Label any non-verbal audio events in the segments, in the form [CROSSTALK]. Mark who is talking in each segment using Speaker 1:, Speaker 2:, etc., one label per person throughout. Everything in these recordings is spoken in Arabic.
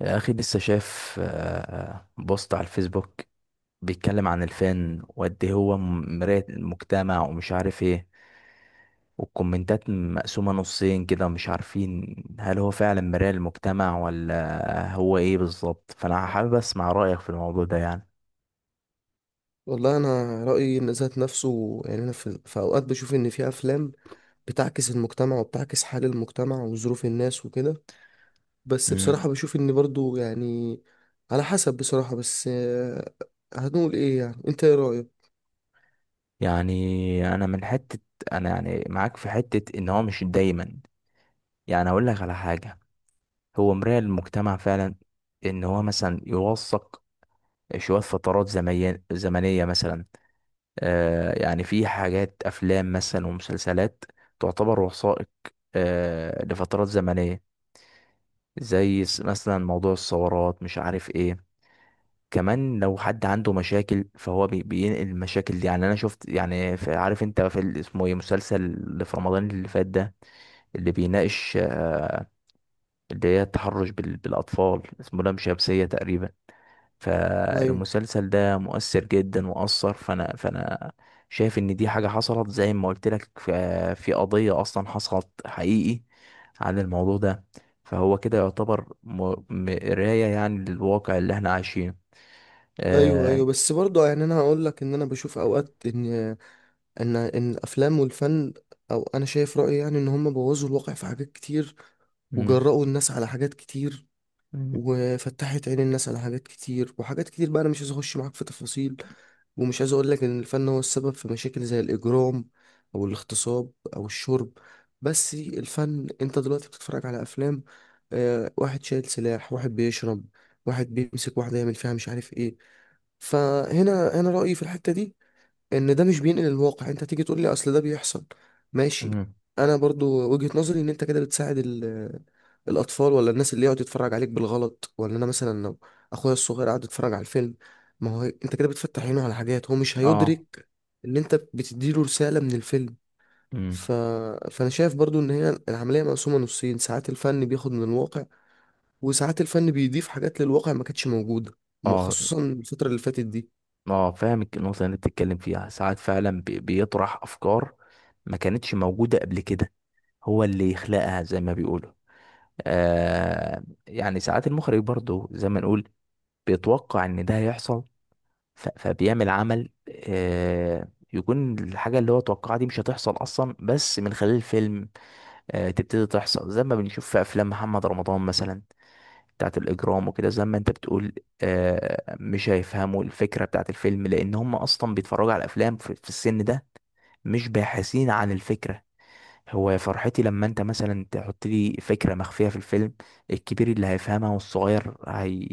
Speaker 1: يا أخي لسه شايف بوست على الفيسبوك بيتكلم عن الفن وقد إيه هو مراية المجتمع ومش عارف ايه. والكومنتات مقسومة نصين كده، مش عارفين هل هو فعلا مراية المجتمع ولا هو ايه بالظبط، فأنا حابب أسمع رأيك في الموضوع ده يعني.
Speaker 2: والله انا رايي ان ذات نفسه يعني انا في اوقات بشوف ان في افلام بتعكس المجتمع وبتعكس حال المجتمع وظروف الناس وكده. بس
Speaker 1: امم.
Speaker 2: بصراحه بشوف ان برضو يعني على حسب بصراحه. بس هنقول ايه؟ يعني انت ايه رايك؟
Speaker 1: يعني أنا من حتة، أنا يعني معاك في حتة إن هو مش دايما، يعني أقول لك على حاجة، هو مراية المجتمع فعلا، إن هو مثلا يوثق شوية فترات زمنية مثلا. يعني في حاجات أفلام مثلا ومسلسلات تعتبر وثائق، لفترات زمنية، زي مثلا موضوع الثورات مش عارف ايه. كمان لو حد عنده مشاكل فهو بينقل المشاكل دي. يعني انا شفت يعني عارف انت في اسمه ايه، مسلسل اللي في رمضان اللي فات ده، اللي بيناقش، اللي هي التحرش بالاطفال، اسمه لام شمسية تقريبا.
Speaker 2: ايوه،
Speaker 1: فالمسلسل ده مؤثر جدا وأثر. فأنا شايف إن دي حاجة حصلت زي ما قلت لك، في قضية أصلا حصلت حقيقي عن الموضوع ده. فهو كده يعتبر مراية يعني للواقع اللي احنا عايشينه.
Speaker 2: ايوه، ايوه،
Speaker 1: آه.
Speaker 2: بس برضو يعني انا هقول لك ان انا بشوف اوقات ان الافلام والفن، او انا شايف رايي يعني ان هم بوظوا الواقع في حاجات كتير،
Speaker 1: مم.
Speaker 2: وجرأوا الناس على حاجات كتير،
Speaker 1: مم.
Speaker 2: وفتحت عين الناس على حاجات كتير. وحاجات كتير بقى انا مش عايز اخش معاك في تفاصيل، ومش عايز اقول لك ان الفن هو السبب في مشاكل زي الاجرام او الاغتصاب او الشرب. بس الفن، انت دلوقتي بتتفرج على افلام، واحد شايل سلاح، واحد بيشرب، واحد بيمسك واحدة يعمل فيها مش عارف ايه. فهنا انا رأيي في الحتة دي ان ده مش بينقل الواقع. انت تيجي تقول لي اصل ده بيحصل، ماشي،
Speaker 1: مم.
Speaker 2: انا برضو وجهة نظري ان انت كده بتساعد الاطفال، ولا الناس اللي يقعد يتفرج عليك بالغلط. ولا انا مثلا لو اخويا الصغير قاعد يتفرج على الفيلم، ما هو انت كده بتفتح عينه على حاجات هو مش
Speaker 1: اه.
Speaker 2: هيدرك ان انت بتديله رسالة من الفيلم. ف...
Speaker 1: مم.
Speaker 2: فانا شايف برضو ان هي العملية مقسومة نصين. ساعات الفن بياخد من الواقع، وساعات الفن بيضيف حاجات للواقع ما كانتش موجودة،
Speaker 1: اه.
Speaker 2: خصوصا الفترة اللي فاتت دي.
Speaker 1: اه، فاهم النقطة اللي انت بتتكلم فيها. ساعات فعلا بيطرح أفكار ما كانتش موجودة قبل كده، هو اللي يخلقها زي ما بيقولوا. آه، يعني ساعات المخرج برضو زي ما نقول بيتوقع ان ده هيحصل، فبيعمل عمل، آه، يكون الحاجة اللي هو توقعها دي مش هتحصل أصلا بس من خلال الفيلم آه تبتدي تحصل، زي ما بنشوف في أفلام محمد رمضان مثلا بتاعت الإجرام وكده زي ما أنت بتقول. آه، مش هيفهموا الفكرة بتاعت الفيلم، لأن هم أصلا بيتفرجوا على الأفلام في السن ده، مش باحثين عن الفكرة. هو فرحتي لما انت مثلا تحط لي فكرة مخفية في الفيلم، الكبير اللي هيفهمها والصغير هي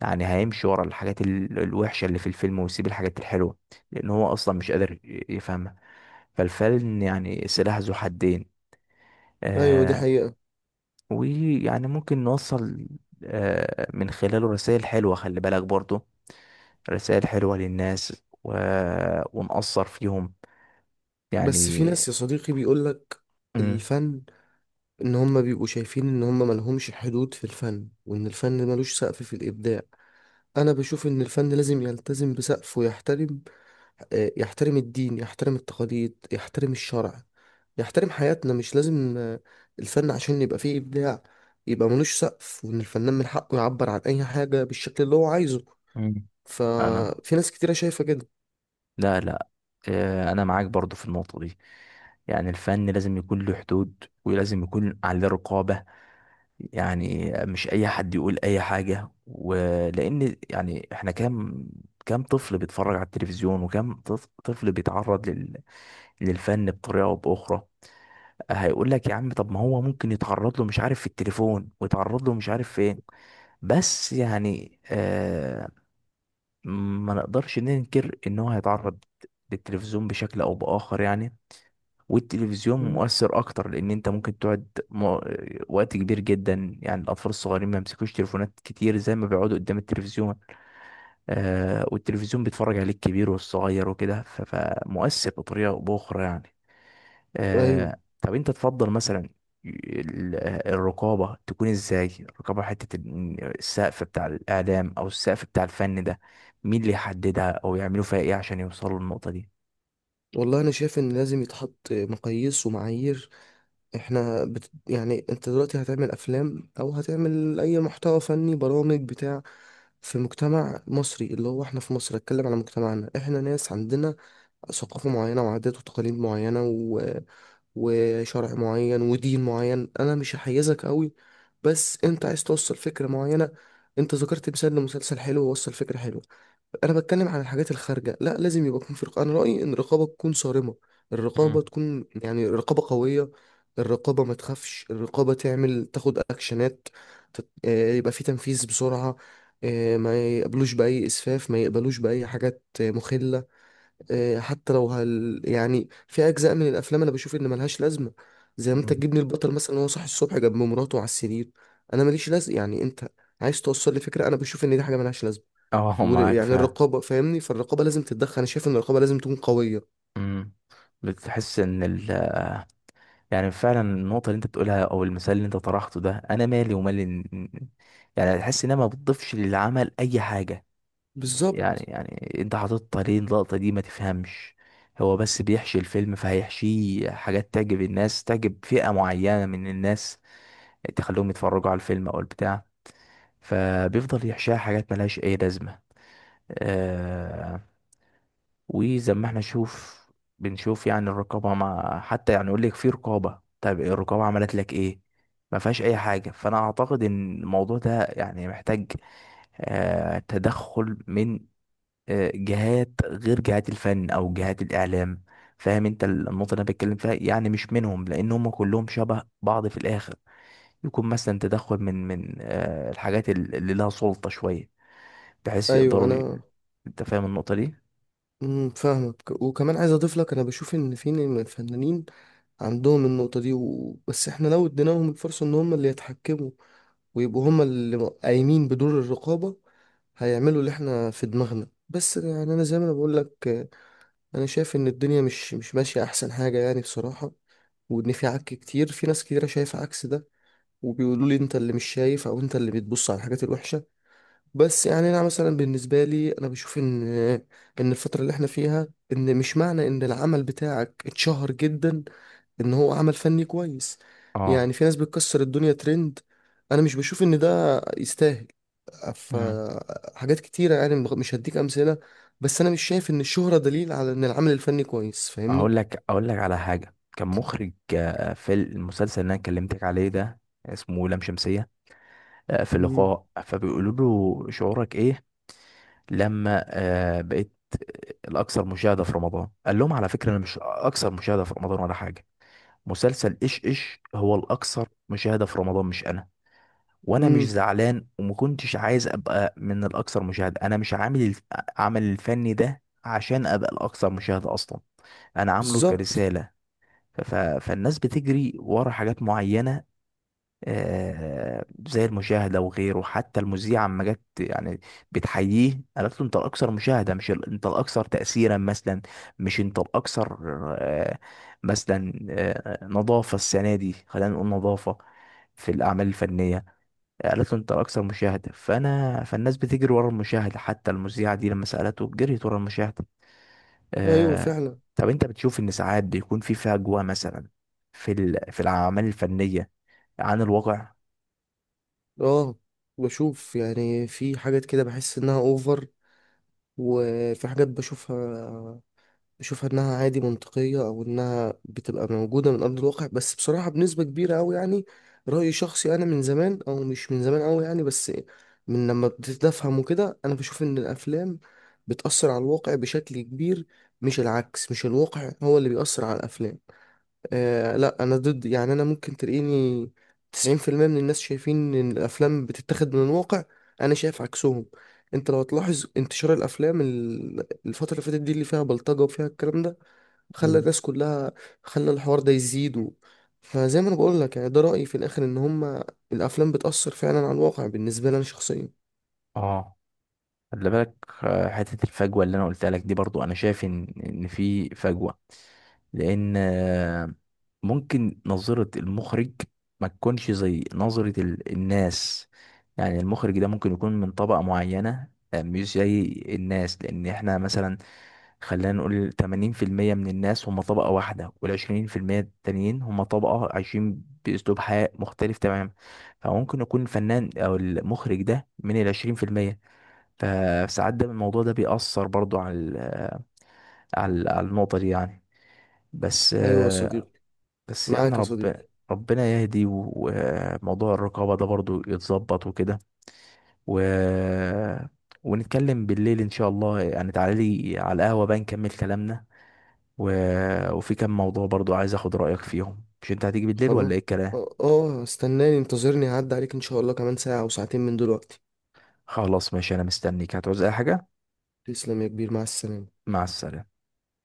Speaker 1: يعني هيمشي ورا الحاجات الوحشة اللي في الفيلم ويسيب الحاجات الحلوة، لأن هو أصلا مش قادر يفهمها. فالفيلم يعني سلاح ذو حدين.
Speaker 2: ايوه، دي
Speaker 1: آه.
Speaker 2: حقيقة.
Speaker 1: ويعني ممكن نوصل آه من خلاله رسائل حلوة، خلي بالك برضه رسائل حلوة للناس، ونأثر فيهم
Speaker 2: بس في
Speaker 1: يعني.
Speaker 2: ناس يا صديقي بيقولك
Speaker 1: مم.
Speaker 2: الفن، ان هم بيبقوا شايفين ان هم ملهمش حدود في الفن، وان الفن ملوش سقف في الابداع. انا بشوف ان الفن لازم يلتزم بسقف ويحترم. يحترم الدين، يحترم التقاليد، يحترم الشرع، يحترم حياتنا. مش لازم الفن عشان يبقى فيه ابداع يبقى ملوش سقف، وان الفنان من حقه يعبر عن اي حاجة بالشكل اللي هو عايزه.
Speaker 1: مم. أنا،
Speaker 2: ففي ناس كتيرة شايفة كده.
Speaker 1: لا، لا، انا معاك برضو في النقطة دي. يعني الفن لازم يكون له حدود ولازم يكون عليه رقابة، يعني مش اي حد يقول اي حاجة. ولان يعني احنا كام طفل بيتفرج على التلفزيون، وكام طفل بيتعرض للفن بطريقة او باخرى. هيقول لك يا عم، طب ما هو ممكن يتعرض له مش عارف في التليفون ويتعرض له مش عارف فين، بس يعني آه، ما نقدرش ننكر ان هو هيتعرض للتلفزيون بشكل او باخر يعني. والتلفزيون
Speaker 2: مم.
Speaker 1: مؤثر اكتر، لان انت ممكن تقعد وقت كبير جدا. يعني الاطفال الصغيرين ما يمسكوش تليفونات كتير زي ما بيقعدوا قدام التلفزيون. آه، والتلفزيون بيتفرج عليه الكبير والصغير وكده، فمؤثر بطريقه او باخرى يعني.
Speaker 2: ايوه.
Speaker 1: آه، طب انت تفضل مثلا ال- الرقابة تكون ازاي؟ الرقابة، حتة السقف بتاع الإعلام أو السقف بتاع الفن ده، مين اللي يحددها أو يعملوا فيها ايه عشان يوصلوا للنقطة دي؟
Speaker 2: والله انا شايف ان لازم يتحط مقاييس ومعايير. احنا يعني انت دلوقتي هتعمل افلام او هتعمل اي محتوى فني، برامج، بتاع، في مجتمع مصري اللي هو احنا في مصر. اتكلم على مجتمعنا، احنا ناس عندنا ثقافة معينة وعادات وتقاليد معينة وشرع معين ودين معين. انا مش هحيزك قوي، بس انت عايز توصل فكرة معينة. انت ذكرت مثال لمسلسل حلو ووصل فكرة حلوة. انا بتكلم عن الحاجات الخارجه، لا، لازم يبقى يكون في رقابه. انا رايي ان الرقابه تكون صارمه،
Speaker 1: مم.
Speaker 2: الرقابه تكون يعني رقابه قويه. الرقابه ما تخافش، الرقابه تعمل تاخد اكشنات. يبقى في تنفيذ بسرعه. ما يقبلوش باي اسفاف، ما يقبلوش باي حاجات مخله. حتى لو هل يعني في اجزاء من الافلام انا بشوف ان ملهاش لازمه. زي ما انت
Speaker 1: مم.
Speaker 2: تجيبني البطل مثلا وهو صاحي الصبح جنب مراته على السرير، انا ماليش لازمه. يعني انت عايز توصل لي فكره، انا بشوف ان دي حاجه ملهاش لازمه.
Speaker 1: [LAUGHS] اه، معاك
Speaker 2: ويعني
Speaker 1: فعلا.
Speaker 2: الرقابه، فاهمني، فالرقابه لازم تتدخل. انا شايف ان الرقابه لازم تكون قويه.
Speaker 1: امم. بتحس ان يعني فعلا النقطة اللي انت بتقولها او المثال اللي انت طرحته ده، انا مالي ومال يعني تحس انها ما بتضيفش للعمل اي حاجة. يعني
Speaker 2: بالظبط.
Speaker 1: يعني انت حاططها ليه اللقطة دي؟ ما تفهمش. هو بس بيحشي الفيلم، فهيحشيه حاجات تعجب الناس، تعجب فئة معينة من الناس، تخليهم يتفرجوا على الفيلم او البتاع، فبيفضل يحشيها حاجات ملهاش اي لازمة. آه. وزي ما احنا نشوف، بنشوف يعني الرقابة، مع حتى يعني يقول لك في رقابة، طيب الرقابة عملت لك ايه؟ ما فيهاش اي حاجة. فانا اعتقد ان الموضوع ده يعني محتاج آه تدخل من آه، جهات غير جهات الفن او جهات الاعلام. فاهم انت النقطه اللي انا بتكلم فيها، يعني مش منهم، لان هم كلهم شبه بعض في الاخر. يكون مثلا تدخل من آه، الحاجات اللي لها سلطه شويه، بحيث
Speaker 2: ايوه
Speaker 1: يقدروا
Speaker 2: انا.
Speaker 1: انت فاهم النقطه دي؟
Speaker 2: فاهمك، وكمان عايز اضيف لك. انا بشوف ان في من الفنانين عندهم النقطه دي، بس احنا لو اديناهم الفرصه ان هم اللي يتحكموا ويبقوا هما اللي قايمين بدور الرقابة، هيعملوا اللي احنا في دماغنا. بس يعني انا زي ما انا بقول لك، انا شايف ان الدنيا مش ماشية احسن حاجة يعني بصراحة. وان في عك كتير، في ناس كتيرة شايفة عكس ده، وبيقولوا لي انت اللي مش شايف او انت اللي بتبص على الحاجات الوحشة. بس يعني انا مثلا بالنسبه لي، انا بشوف ان الفتره اللي احنا فيها، ان مش معنى ان العمل بتاعك اتشهر جدا ان هو عمل فني كويس.
Speaker 1: اه.
Speaker 2: يعني في ناس بتكسر الدنيا ترند، انا مش بشوف ان ده يستاهل. ف
Speaker 1: مم.
Speaker 2: حاجات كتيره يعني مش هديك امثله، بس انا مش شايف ان الشهره دليل على ان العمل الفني كويس. فاهمني؟
Speaker 1: اقول لك على حاجه، كان مخرج آه، في المسلسل اللي انا كلمتك عليه ده اسمه لام شمسيه، آه، في
Speaker 2: امم
Speaker 1: لقاء فبيقولوا له شعورك ايه لما آه، بقيت الاكثر مشاهده في رمضان؟ قال لهم على فكره انا مش اكثر مشاهده في رمضان ولا حاجه. مسلسل ايش هو الاكثر مشاهده في رمضان، مش انا. وانا مش
Speaker 2: امم
Speaker 1: زعلان وما كنتش عايز ابقى من الاكثر مشاهده، انا مش عامل عمل الفني ده عشان ابقى الاكثر مشاهده اصلا، انا عامله
Speaker 2: بالظبط.
Speaker 1: كرساله. ف... ف- فالناس بتجري ورا حاجات معينه آه، زي المشاهدة وغيره. حتى المذيعة لما جت يعني بتحييه قالت له انت الأكثر مشاهدة، مش انت الأكثر تأثيرا مثلا، مش انت الأكثر آه، مثلا آه، نظافة السنة دي، خلينا نقول نظافة في الأعمال الفنية، قالت له انت الأكثر مشاهدة. فأنا فالناس بتجري ورا المشاهدة حتى المذيعة دي لما سألته جريت ورا المشاهدة.
Speaker 2: ايوه
Speaker 1: آه،
Speaker 2: فعلا.
Speaker 1: طب انت بتشوف ان ساعات بيكون في فجوة مثلا في في الأعمال الفنية عن الواقع؟
Speaker 2: اه، بشوف يعني في حاجات كده بحس انها اوفر، وفي حاجات بشوفها انها عادي منطقية، او انها بتبقى موجودة من ارض الواقع. بس بصراحة بنسبة كبيرة اوي يعني، رأيي شخصي. انا من زمان، او مش من زمان اوي يعني، بس من لما ابتديت افهم وكده، انا بشوف ان الافلام بتأثر على الواقع بشكل كبير. مش العكس، مش الواقع هو اللي بيأثر على الافلام. لا انا ضد. يعني انا ممكن تلاقيني 90% من الناس شايفين ان الافلام بتتاخد من الواقع، انا شايف عكسهم. انت لو هتلاحظ انتشار الافلام، الفتره اللي فاتت دي اللي فيها بلطجه وفيها الكلام ده، خلى الناس كلها، خلى الحوار ده يزيد فزي ما انا بقول لك يعني، ده رايي في الاخر ان هما الافلام بتاثر فعلا على الواقع، بالنسبه لي انا شخصيا.
Speaker 1: اه. خلي بالك آه، حتة الفجوة اللي انا قلتها لك دي، برضو انا شايف ان في فجوة، لان آه، ممكن نظرة المخرج ما تكونش زي نظرة الناس. يعني المخرج ده ممكن يكون من طبقة معينة آه، مش زي الناس. لان احنا مثلا خلينا نقول 80% من الناس هم طبقة واحدة، وال20% التانيين هم طبقة عايشين بأسلوب حياة مختلف تماما. فممكن يكون الفنان أو المخرج ده من 20%. فساعات ده الموضوع ده بيأثر برضو على على النقطة دي يعني. بس
Speaker 2: ايوه يا
Speaker 1: آه،
Speaker 2: صديقي.
Speaker 1: بس يعني
Speaker 2: معاك يا صديقي.
Speaker 1: ربنا يهدي، وموضوع الرقابة ده برضو يتظبط وكده، و... ونتكلم بالليل إن شاء الله يعني. تعالى لي على القهوة بقى نكمل كلامنا، و... وفي كام موضوع برضو عايز أخد رأيك فيهم. مش أنت هتيجي بالليل ولا
Speaker 2: خلاص.
Speaker 1: إيه الكلام؟
Speaker 2: اه استناني، انتظرني، هعدي عليك ان شاء الله كمان ساعه او ساعتين من دلوقتي.
Speaker 1: خلاص، ماشي، أنا مستنيك. هتعوز أي حاجة؟
Speaker 2: تسلم يا كبير، مع السلامه.
Speaker 1: مع السلامة.